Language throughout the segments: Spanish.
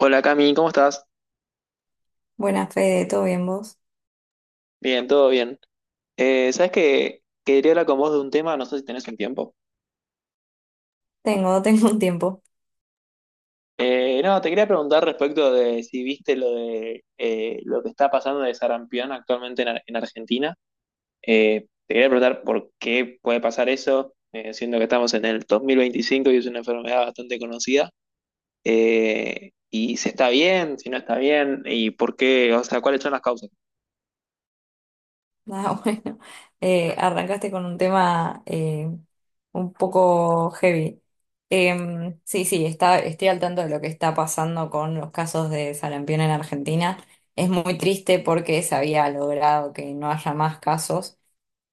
Hola Cami, ¿cómo estás? Buena Fede, ¿todo bien vos? Bien, todo bien. ¿Sabes qué? Quería hablar con vos de un tema, no sé si tenés un tiempo. Tengo, tengo un tiempo. No, Te quería preguntar respecto de si viste lo de lo que está pasando de sarampión actualmente en, en Argentina. Te quería preguntar por qué puede pasar eso, siendo que estamos en el 2025 y es una enfermedad bastante conocida. Y si está bien, si no está bien, y por qué, o sea, cuáles son las causas. Nada, bueno. Arrancaste con un tema un poco heavy. Sí, sí, estoy al tanto de lo que está pasando con los casos de sarampión en Argentina. Es muy triste porque se había logrado que no haya más casos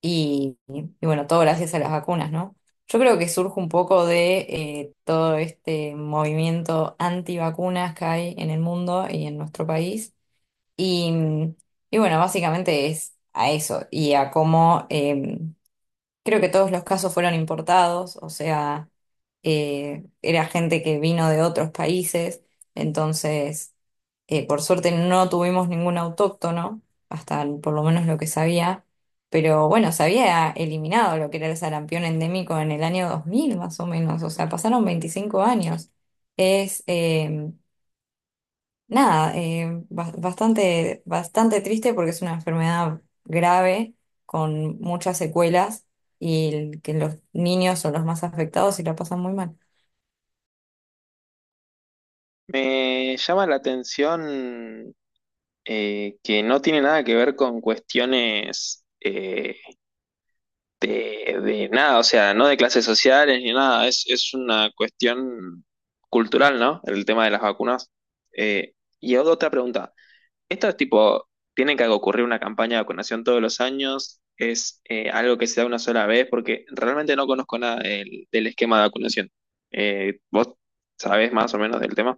y, bueno, todo gracias a las vacunas, ¿no? Yo creo que surge un poco de todo este movimiento antivacunas que hay en el mundo y en nuestro país. Y, mm, y bueno, básicamente es a eso y a cómo creo que todos los casos fueron importados, o sea, era gente que vino de otros países. Entonces, por suerte no tuvimos ningún autóctono, hasta por lo menos lo que sabía. Pero bueno, se había eliminado lo que era el sarampión endémico en el año 2000 más o menos, o sea, pasaron 25 años. Es, em, Nada, bastante, bastante triste porque es una enfermedad grave con muchas secuelas y que los niños son los más afectados y la pasan muy mal. Me llama la atención que no tiene nada que ver con cuestiones de nada, o sea, no de clases sociales ni nada, es una cuestión cultural, ¿no? El tema de las vacunas. Eh, y hago otra pregunta, ¿esto es tipo, tiene que ocurrir una campaña de vacunación todos los años? ¿Es algo que se da una sola vez? Porque realmente no conozco nada del esquema de vacunación. ¿Vos sabés más o menos del tema?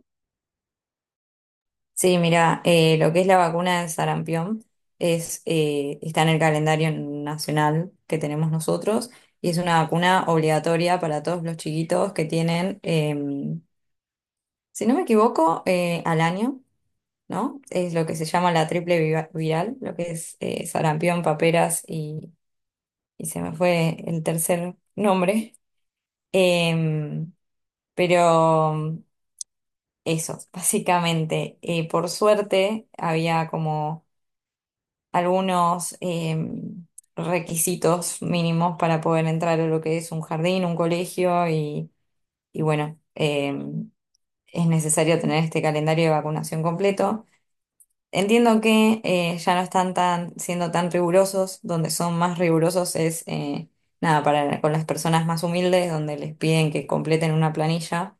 Sí, mira, lo que es la vacuna de sarampión está en el calendario nacional que tenemos nosotros y es una vacuna obligatoria para todos los chiquitos que tienen, si no me equivoco, al año. ¿No? Es lo que se llama la triple viral, lo que es sarampión, paperas, y se me fue el tercer nombre. Em, pero eso, básicamente. Por suerte había como algunos requisitos mínimos para poder entrar a lo que es un jardín, un colegio, y bueno, em, es necesario tener este calendario de vacunación completo. Entiendo que ya no están siendo tan rigurosos. Donde son más rigurosos es, nada, con las personas más humildes, donde les piden que completen una planilla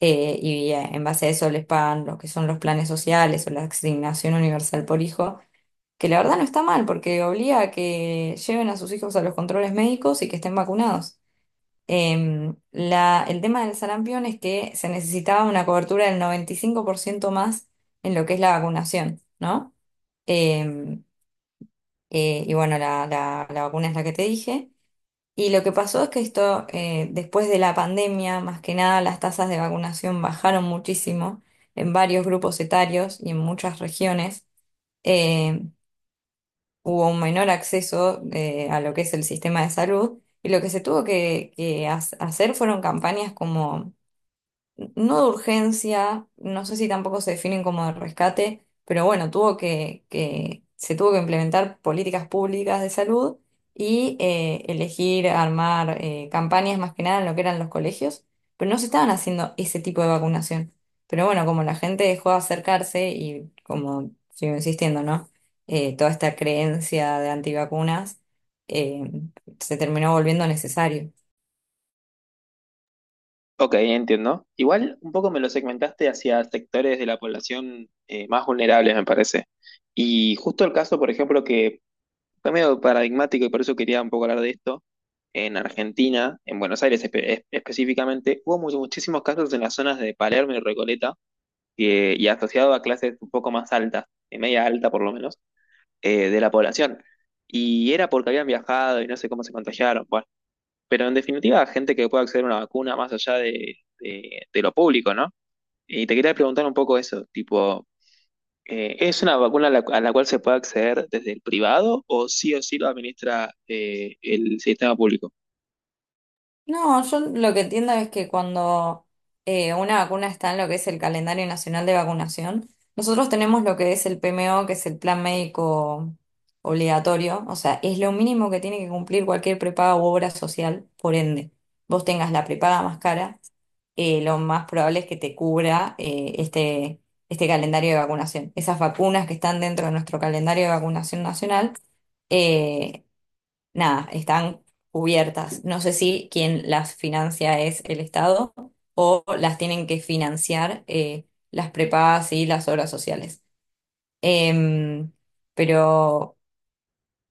y en base a eso les pagan lo que son los planes sociales o la asignación universal por hijo, que la verdad no está mal porque obliga a que lleven a sus hijos a los controles médicos y que estén vacunados. El tema del sarampión es que se necesitaba una cobertura del 95% más en lo que es la vacunación, ¿no? Eh, y bueno, la vacuna es la que te dije. Y lo que pasó es que esto, después de la pandemia, más que nada, las tasas de vacunación bajaron muchísimo en varios grupos etarios y en muchas regiones. Eh, hubo un menor acceso a lo que es el sistema de salud. Y lo que se tuvo hacer fueron campañas como no de urgencia, no sé si tampoco se definen como de rescate, pero bueno, tuvo que se tuvo que implementar políticas públicas de salud y elegir armar campañas más que nada en lo que eran los colegios, pero no se estaban haciendo ese tipo de vacunación. Pero bueno, como la gente dejó de acercarse y como sigo insistiendo, ¿no? Toda esta creencia de antivacunas eh, se terminó volviendo necesario. Ok, entiendo. Igual un poco me lo segmentaste hacia sectores de la población más vulnerables, me parece. Y justo el caso, por ejemplo, que fue medio paradigmático y por eso quería un poco hablar de esto, en Argentina, en Buenos Aires específicamente, hubo muchísimos casos en las zonas de Palermo y Recoleta y asociado a clases un poco más altas, de media alta por lo menos, de la población. Y era porque habían viajado y no sé cómo se contagiaron. Bueno, pero en definitiva, gente que pueda acceder a una vacuna más allá de, de lo público, ¿no? Y te quería preguntar un poco eso, tipo, ¿es una vacuna a la cual se puede acceder desde el privado o sí lo administra el sistema público? No, yo lo que entiendo es que cuando una vacuna está en lo que es el calendario nacional de vacunación, nosotros tenemos lo que es el PMO, que es el plan médico obligatorio, o sea, es lo mínimo que tiene que cumplir cualquier prepaga u obra social. Por ende, vos tengas la prepaga más cara, lo más probable es que te cubra este calendario de vacunación. Esas vacunas que están dentro de nuestro calendario de vacunación nacional eh, nada, están cubiertas. No sé si quien las financia es el Estado o las tienen que financiar las prepagas y las obras sociales. Em, pero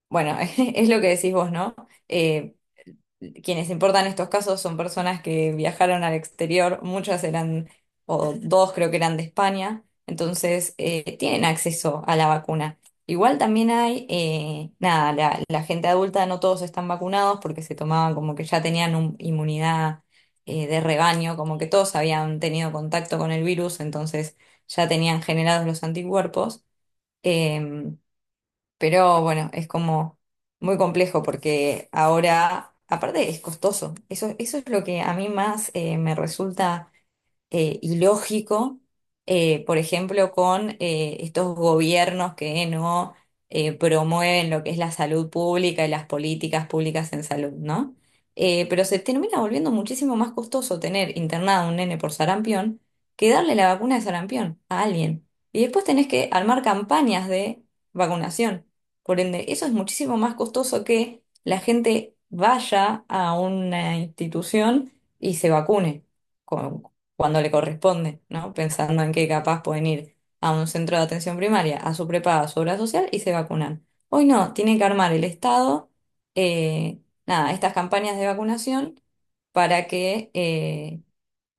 bueno, es lo que decís vos, ¿no? Eh, quienes importan estos casos son personas que viajaron al exterior, muchas eran, o dos creo que eran de España, entonces tienen acceso a la vacuna. Igual también hay, nada, la gente adulta no todos están vacunados porque se tomaban como que ya tenían inmunidad de rebaño, como que todos habían tenido contacto con el virus, entonces ya tenían generados los anticuerpos. em, pero bueno, es como muy complejo porque ahora, aparte es costoso. Eso es lo que a mí más me resulta ilógico, por ejemplo, con estos gobiernos que no promueven lo que es la salud pública y las políticas públicas en salud, ¿no? Pero se termina volviendo muchísimo más costoso tener internado a un nene por sarampión que darle la vacuna de sarampión a alguien. Y después tenés que armar campañas de vacunación. Por ende, eso es muchísimo más costoso que la gente vaya a una institución y se vacune cuando le corresponde, ¿no? Pensando en que capaz pueden ir a un centro de atención primaria, a su prepaga, a su obra social y se vacunan. Hoy no, tiene que armar el Estado, eh, nada, estas campañas de vacunación para que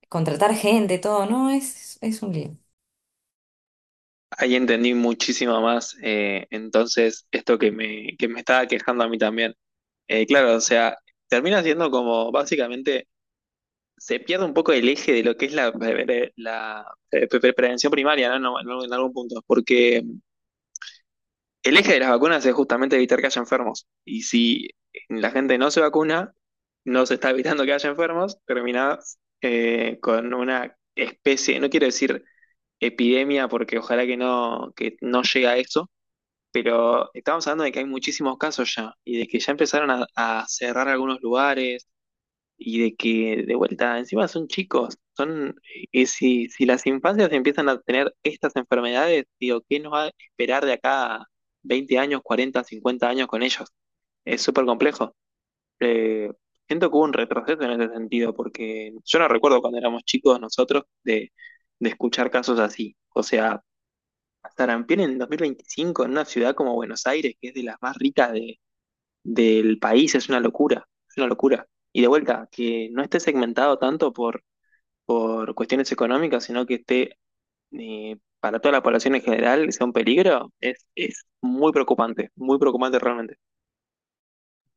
contratar gente, todo, ¿no? Es un lío. Ahí entendí muchísimo más, entonces, esto que me estaba quejando a mí también. Claro, o sea, termina siendo como básicamente se pierde un poco el eje de lo que es la, la, prevención primaria, ¿no? En algún punto, porque el eje de las vacunas es justamente evitar que haya enfermos. Y si la gente no se vacuna, no se está evitando que haya enfermos, terminás con una especie, no quiero decir epidemia porque ojalá que no llegue a eso, pero estamos hablando de que hay muchísimos casos ya y de que ya empezaron a cerrar algunos lugares, y de que de vuelta, encima son chicos, son, y si, si las infancias empiezan a tener estas enfermedades, digo, ¿qué nos va a esperar de acá a 20 años, 40 50 años con ellos? Es súper complejo. Eh, Siento que hubo un retroceso en ese sentido, porque yo no recuerdo cuando éramos chicos nosotros de escuchar casos así. O sea, sarampión en 2025 en una ciudad como Buenos Aires, que es de las más ricas de, del país, es una locura, es una locura. Y de vuelta, que no esté segmentado tanto por cuestiones económicas, sino que esté para toda la población en general, sea un peligro, es muy preocupante realmente.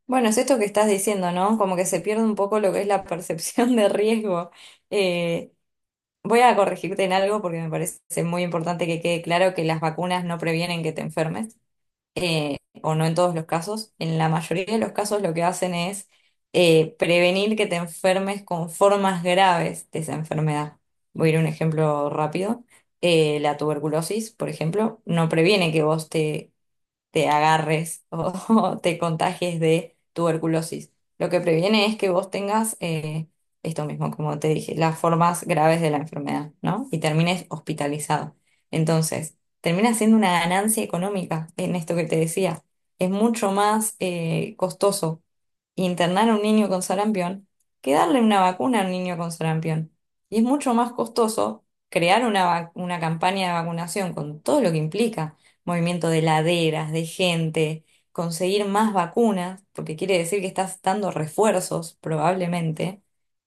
Bueno, es esto que estás diciendo, ¿no? Como que se pierde un poco lo que es la percepción de riesgo. Eh, voy a corregirte en algo porque me parece muy importante que quede claro que las vacunas no previenen que te enfermes. eh, o no en todos los casos, en la mayoría de los casos lo que hacen es prevenir que te enfermes con formas graves de esa enfermedad. Voy a ir a un ejemplo rápido. La tuberculosis, por ejemplo, no previene que vos te agarres o, te contagies de tuberculosis. Lo que previene es que vos tengas esto mismo, como te dije, las formas graves de la enfermedad, ¿no? Y termines hospitalizado. Entonces, termina siendo una ganancia económica en esto que te decía. Es mucho más costoso internar a un niño con sarampión que darle una vacuna a un niño con sarampión. Y es mucho más costoso crear una campaña de vacunación con todo lo que implica, movimiento de laderas, de gente, conseguir más vacunas, porque quiere decir que estás dando refuerzos probablemente,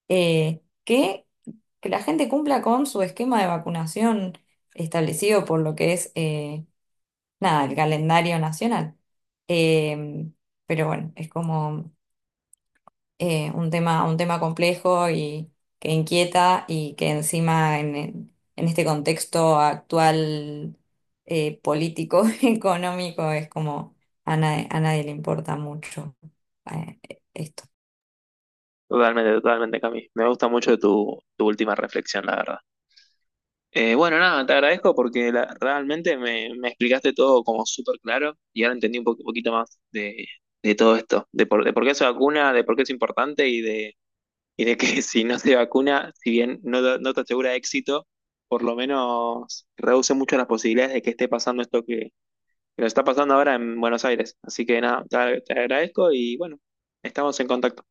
eh, que, que la gente cumpla con su esquema de vacunación establecido por lo que es, nada, el calendario nacional. Em, pero bueno, es como un tema complejo y que inquieta y que encima en este contexto actual político, económico, es como a nadie le importa mucho eh, esto. Totalmente, totalmente, Cami. Me gusta mucho tu, tu última reflexión, la verdad. Bueno, nada, te agradezco porque realmente me, me explicaste todo como súper claro y ahora entendí un poquito más de todo esto, de por qué es vacuna, de por qué es importante y de que si no se vacuna, si bien no, no te asegura éxito, por lo menos reduce mucho las posibilidades de que esté pasando esto que nos está pasando ahora en Buenos Aires. Así que nada, te agradezco y bueno, estamos en contacto.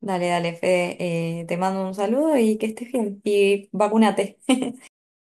Dale, dale, Fede, te mando un saludo y que estés bien. Y vacúnate.